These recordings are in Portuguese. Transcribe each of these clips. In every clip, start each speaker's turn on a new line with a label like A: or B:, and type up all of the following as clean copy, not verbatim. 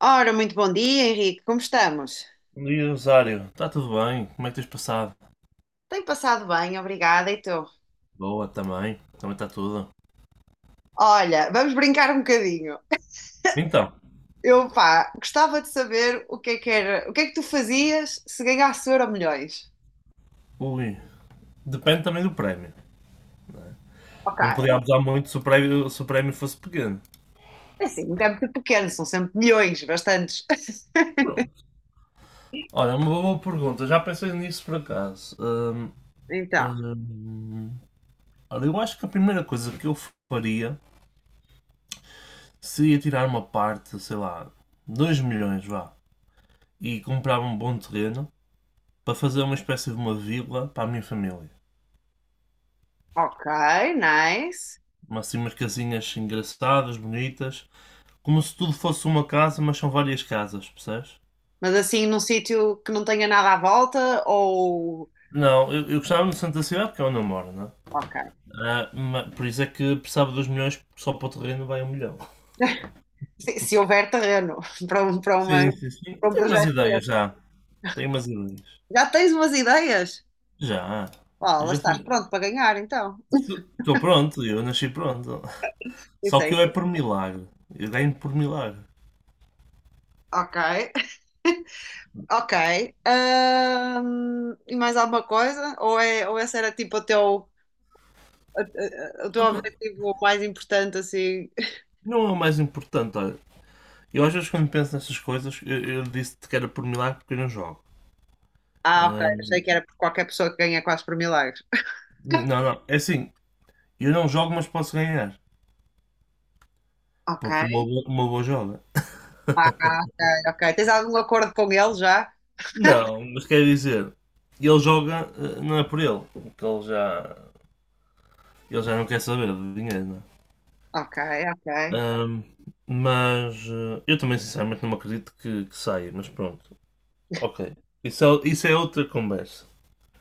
A: Ora, muito bom dia, Henrique. Como estamos?
B: Bom dia, Rosário. Está tudo bem? Como é que tens passado?
A: Tenho passado bem, obrigada. E tu?
B: Boa, também. Também está tudo.
A: Olha, vamos brincar um bocadinho.
B: Então,
A: Gostava de saber o que é que tu fazias se ganhasse euro milhões?
B: ui, depende também do prémio.
A: Ok.
B: Não podia abusar muito se o prémio fosse pequeno.
A: É assim, nunca é muito pequeno, são sempre milhões, bastantes.
B: Pronto. Olha, uma boa pergunta. Já pensei nisso por acaso.
A: Então,
B: Hum, olha, eu acho que a primeira coisa que eu faria seria tirar uma parte, sei lá, 2 milhões, vá, e comprar um bom terreno para fazer uma espécie de uma vila para a minha família.
A: ok, nice.
B: Umas, assim, umas casinhas engraçadas, bonitas, como se tudo fosse uma casa, mas são várias casas, percebes?
A: Mas assim, num sítio que não tenha nada à volta ou...
B: Não, eu gostava no centro da cidade porque é onde eu moro, não é?
A: Ok.
B: Ah, por isso é que precisava dos milhões, só para o terreno vai 1 milhão.
A: Se houver terreno para uma,
B: Sim, sim, sim.
A: para
B: Eu
A: um
B: tenho umas
A: projeto.
B: ideias já. Tenho umas ideias.
A: Já tens umas ideias?
B: Já.
A: Ó,
B: Eu
A: lá
B: já
A: estás
B: sei.
A: pronto para ganhar, então.
B: Estou pronto, eu nasci pronto. Só que
A: Pensei,
B: eu é por milagre. Eu ganho por milagre.
A: ok, ok. E mais alguma coisa? Ou esse era tipo o teu, o teu
B: Opa,
A: objetivo mais importante, assim?
B: não é o mais importante, olha. Eu às vezes quando penso nessas coisas, eu disse-te que era por milagre porque eu não jogo.
A: Ah, ok,
B: Ah,
A: achei que era por qualquer pessoa que ganha quase por milagres.
B: não, não, é assim, eu não jogo, mas posso ganhar.
A: Ok,
B: Porque o Mobo joga.
A: ah, ok, ok. Tens algum acordo com ele já?
B: Não, mas quer dizer, ele joga, não é por ele. Porque ele já não quer saber de dinheiro, não é?
A: Ok, ok,
B: Ahm, mas eu também sinceramente não me acredito que saia, mas pronto. Ok. Isso é outra conversa.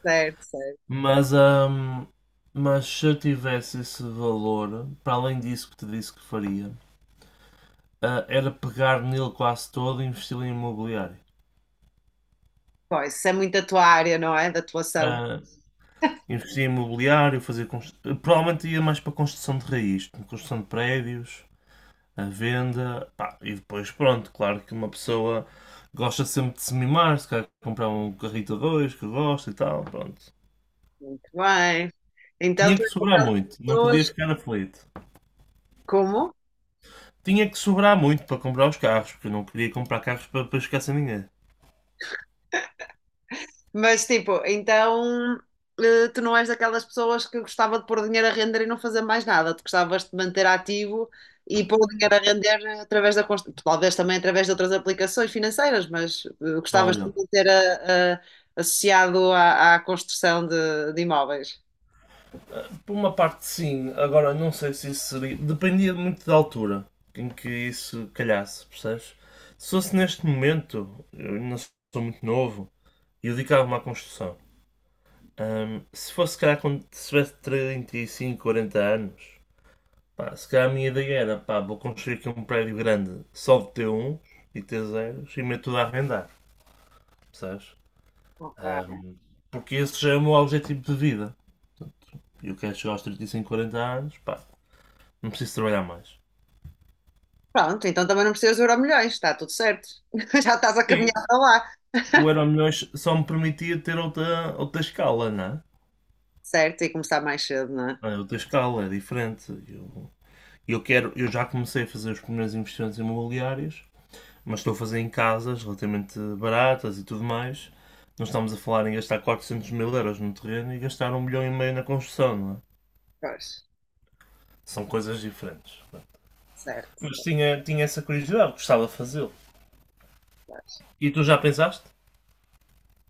A: certo, certo.
B: Mas, ahm, mas se eu tivesse esse valor, para além disso que te disse que faria, era pegar nele quase todo e investi-lo em imobiliário.
A: Pois, isso é muito a tua área, não é? Da atuação.
B: Ah, investir em imobiliário, fazer constru... Provavelmente ia mais para construção de raiz, construção de prédios, a venda, pá, e depois pronto, claro que uma pessoa gosta sempre de se mimar, se quer comprar um carrito a dois que gosta e tal, pronto.
A: Muito bem. Então,
B: Tinha
A: tu
B: que
A: és
B: sobrar
A: aquelas
B: muito, não
A: pessoas.
B: podia ficar aflito.
A: Como?
B: Tinha que sobrar muito para comprar os carros, porque eu não queria comprar carros para ficar sem ninguém.
A: Mas tipo, então tu não és daquelas pessoas que gostava de pôr dinheiro a render e não fazer mais nada. Tu gostavas de manter ativo e pôr o dinheiro a render através talvez também através de outras aplicações financeiras, mas gostavas de
B: Olha,
A: manter associado à construção de imóveis.
B: por uma parte, sim. Agora, não sei se isso seria. Dependia muito da altura em que isso calhasse, percebes? Se fosse neste momento, eu ainda sou muito novo e eu dedicava-me à construção. Se fosse, se calhar, quando tivesse 35 40 anos, pá, se calhar a minha ideia era, pá, vou construir aqui um prédio grande só de T1 e T0 e meto tudo a arrendar, percebes?
A: Ok.
B: Ahm, porque esse já é o meu objetivo de vida. Eu quero chegar aos 35 40 anos, pá, não preciso trabalhar mais.
A: Pronto, então também não precisas de Euromilhões, está tudo certo. Já estás a caminhar
B: Sim,
A: para lá.
B: o Euro Milhões só me permitia ter outra escala, não é?
A: Certo, e começar mais cedo, não é?
B: É outra escala, é diferente. Eu quero, eu já comecei a fazer os primeiros investimentos imobiliários, mas estou a fazer em casas relativamente baratas e tudo mais. Não estamos a falar em gastar 400 mil euros no terreno e gastar 1,5 milhão na construção, não é?
A: Pois,
B: São coisas diferentes.
A: certo.
B: Mas tinha essa curiosidade, gostava de fazê-lo. E tu já pensaste?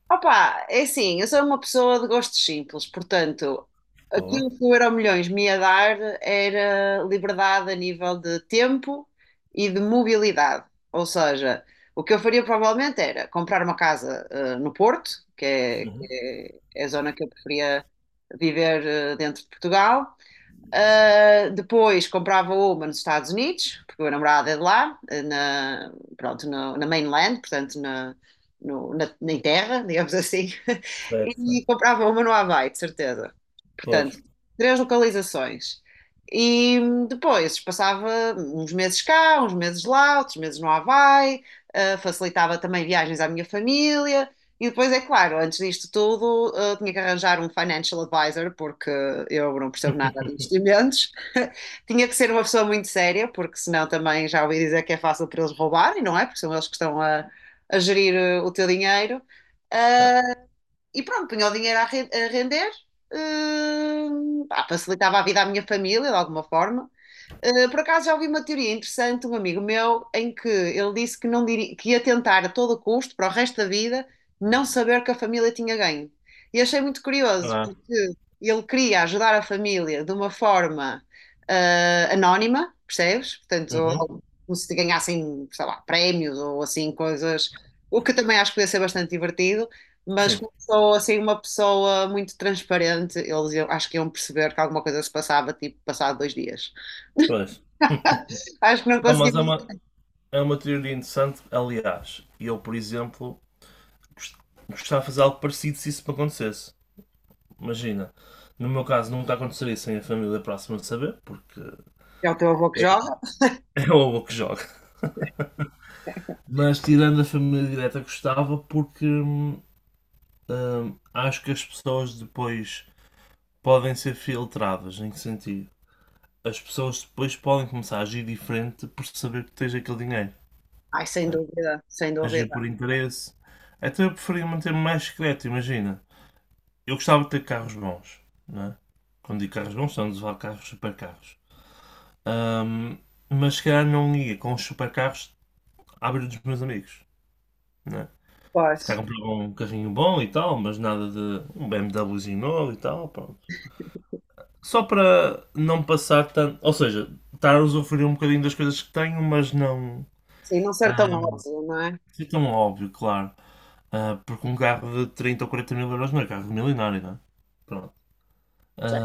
A: Opa, é assim, eu sou uma pessoa de gostos simples, portanto,
B: Pô,
A: aquilo que o Euromilhões me ia dar era liberdade a nível de tempo e de mobilidade. Ou seja, o que eu faria provavelmente era comprar uma casa no Porto, que é a zona que eu preferia viver, dentro de Portugal. Depois comprava uma nos Estados Unidos, porque o meu namorado é de lá, na mainland, portanto na, no- na, na terra, digamos assim,
B: certo,
A: e
B: certo.
A: comprava uma no Havaí, de certeza.
B: Pois.
A: Portanto, três localizações. E depois passava uns meses cá, uns meses lá, outros meses no Havaí. Ah, facilitava também viagens à minha família, e depois, é claro, antes disto tudo, tinha que arranjar um financial advisor, porque eu não percebo nada de investimentos. Tinha que ser uma pessoa muito séria, porque senão também já ouvi dizer que é fácil para eles roubarem, não é? Porque são eles que a gerir, o teu dinheiro. E pronto, punha o dinheiro a render, eh, facilitava a vida à minha família, de alguma forma. Por acaso já ouvi uma teoria interessante de um amigo meu em que ele disse que, não diria, que ia tentar a todo custo, para o resto da vida, não saber que a família tinha ganho. E achei muito curioso,
B: Ah,
A: porque ele queria ajudar a família de uma forma anónima, percebes? Portanto,
B: uhum.
A: ou... como se ganhassem, sei lá, prémios ou assim, coisas, o que também acho que podia ser bastante divertido, mas
B: Sim,
A: começou assim uma pessoa muito transparente, acho que iam perceber que alguma coisa se passava, tipo, passado dois dias.
B: pois.
A: Acho que não
B: Não, mas
A: conseguimos.
B: é uma teoria interessante, aliás. E eu, por exemplo, gost- gostava de fazer algo parecido se isso me acontecesse. Imagina, no meu caso nunca aconteceria sem a família próxima de saber, porque
A: É o teu avô que
B: é,
A: joga?
B: é o avô que joga. Mas tirando a família direta, gostava porque acho que as pessoas depois podem ser filtradas. Em que sentido? As pessoas depois podem começar a agir diferente por saber que tens aquele dinheiro,
A: Ai, sem
B: percebes?
A: dúvida, sem
B: Agir por
A: dúvida.
B: interesse. Então eu preferia manter-me mais secreto, imagina. Eu gostava de ter carros bons, não é? Quando digo carros bons, são a levar carros supercarros. Ahm, mas se calhar não ia com os supercarros à beira dos meus amigos, não é? Se
A: Pois.
B: calhar comprava um carrinho bom e tal, mas nada de um BMWzinho novo e tal, pronto. Só para não passar tanto. Ou seja, estar a usufruir um bocadinho das coisas que tenho, mas não.
A: Sim, não ser tão
B: Ah,
A: modo, não é?
B: que é tão óbvio, claro. Ah, porque um carro de 30 ou 40 mil euros não é carro milionário, não é? Pronto.
A: Sim.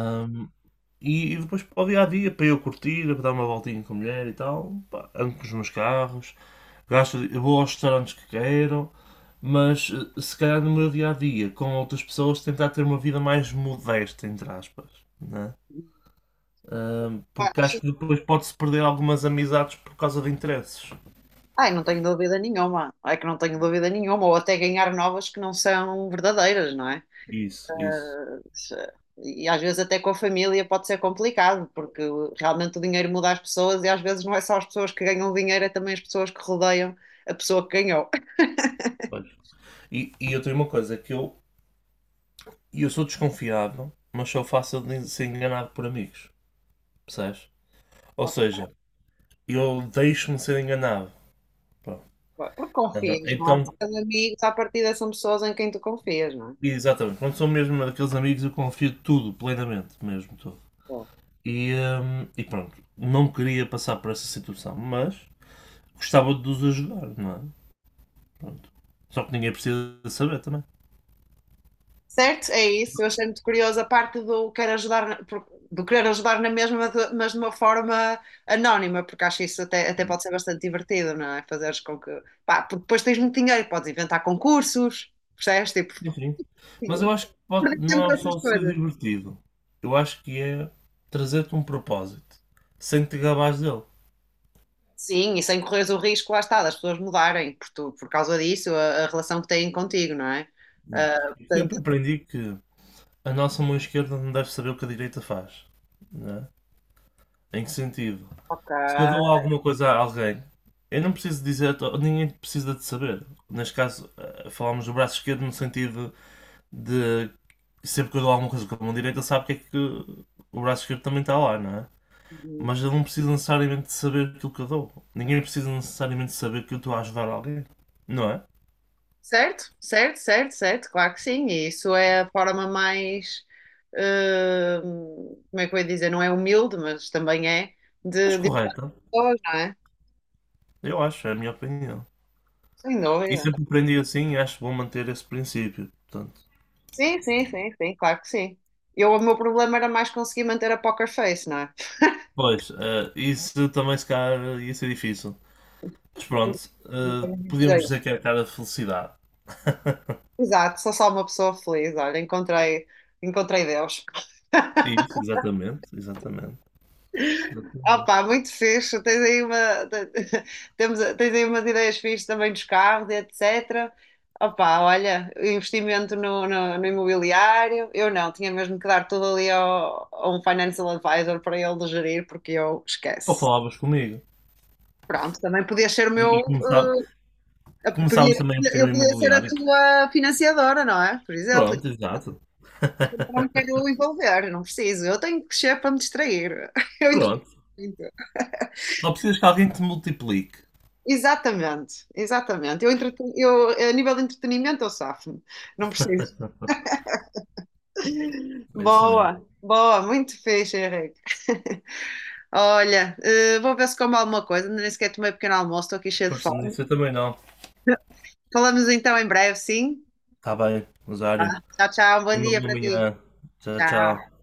B: E depois para o dia a dia, para eu curtir, para dar uma voltinha com a mulher e tal, pá, ando com os meus carros, gasto, vou aos restaurantes que quero, mas se calhar no meu dia a dia, com outras pessoas, tentar ter uma vida mais modesta, entre aspas, né? Porque
A: Acho...
B: acho que depois pode-se perder algumas amizades por causa de interesses.
A: Ai, não tenho dúvida nenhuma. É que não tenho dúvida nenhuma. Ou até ganhar novas que não são verdadeiras, não é?
B: Isso, isso.
A: Eh, E às vezes até com a família pode ser complicado, porque realmente o dinheiro muda as pessoas e às vezes não é só as pessoas que ganham dinheiro, é também as pessoas que rodeiam a pessoa que ganhou.
B: Pois. E eu tenho uma coisa, é que eu, e eu sou desconfiado, mas sou fácil de ser enganado por amigos, percebes? Ou seja, eu deixo-me ser enganado. Pronto.
A: Porque
B: Ah,
A: confias, não é?
B: então,
A: São amigos, à partida são pessoas em quem tu confias, não
B: exatamente, quando sou mesmo daqueles amigos, eu confio tudo, plenamente, mesmo tudo.
A: é?
B: E pronto, não queria passar por essa situação, mas gostava de os ajudar, não é? Pronto. Só que ninguém precisa de saber também.
A: Certo? É isso. Eu achei muito curioso a parte do querer ajudar, do querer ajudar na mesma, mas de uma forma anónima, porque acho isso até pode ser bastante divertido, não é? Fazeres com que... Pá, porque depois tens muito dinheiro, e podes inventar concursos, percebes? Tipo,
B: Enfim. Mas eu acho que
A: perder
B: não
A: tempo com
B: é
A: essas
B: só ser
A: coisas.
B: divertido. Eu acho que é trazer-te um propósito, sem te gabares dele.
A: Sim, e sem correres o risco, lá está, das pessoas mudarem por causa disso, a relação que têm contigo, não é?
B: Exato.
A: Ah,
B: Eu sempre
A: portanto,
B: aprendi que a nossa mão esquerda não deve saber o que a direita faz, não é? Em que sentido?
A: ok.
B: Se eu dou alguma coisa a alguém, eu não preciso dizer, ninguém precisa de saber. Neste caso, falámos do braço esquerdo no sentido de sempre que eu dou alguma coisa com a mão direita, ele sabe que é que o braço esquerdo também está lá, não é? Mas ele não precisa necessariamente de saber aquilo que eu dou. Ninguém precisa necessariamente de saber que eu estou a ajudar alguém, não é?
A: Certo, certo, certo, certo, claro que sim. E isso é a forma mais, como é que eu ia dizer, não é humilde, mas também é
B: Mas
A: de
B: correta,
A: pessoas, não é?
B: eu acho, é a minha opinião.
A: Sem
B: E
A: dúvida.
B: sempre aprendi assim e acho bom manter esse princípio, portanto.
A: Sim, sim, sim, sim, claro que sim. Eu, o meu problema era mais conseguir manter a poker face, não é?
B: Pois, isso também se calhar ia ser difícil. Mas pronto,
A: Não tenho muito
B: podíamos
A: jeito.
B: dizer que é a cara de felicidade.
A: Exato, sou só uma pessoa feliz, olha, encontrei, encontrei Deus.
B: Isso, exatamente, exatamente. Exatamente.
A: Opa, muito fixe. Tens aí uma, te- tens aí umas ideias fixes também dos carros, e etc. Opa, olha, investimento no imobiliário. Eu não, tinha mesmo que dar tudo ali ao, a um financial advisor para ele gerir, porque eu
B: Ou
A: esqueço.
B: falavas comigo.
A: Pronto, também podia ser o
B: E,
A: meu.
B: e começavas
A: Podia-
B: também a investir
A: eu
B: no
A: podia ser a
B: imobiliário.
A: tua financiadora, não é? Por exemplo,
B: Pronto, exato.
A: eu não me quero envolver, não preciso. Eu tenho que crescer para me distrair. Eu
B: Pronto.
A: entretenho.
B: Só precisas que alguém te multiplique.
A: Exatamente, exatamente. Eu, a nível de entretenimento, eu safo-me. Não preciso.
B: É isso mesmo.
A: Boa, boa, muito fixe, Henrique. Olha, vou ver se como alguma coisa. Ainda nem sequer tomei um pequeno almoço, estou aqui cheia de
B: Força
A: fome.
B: nisso, eu também não.
A: Falamos então em breve, sim?
B: Está bem,
A: Tá.
B: Rosário.
A: Tchau, tchau. Bom
B: Tenha uma
A: dia
B: boa
A: para ti.
B: manhã. Tchau, tchau.
A: Tchau.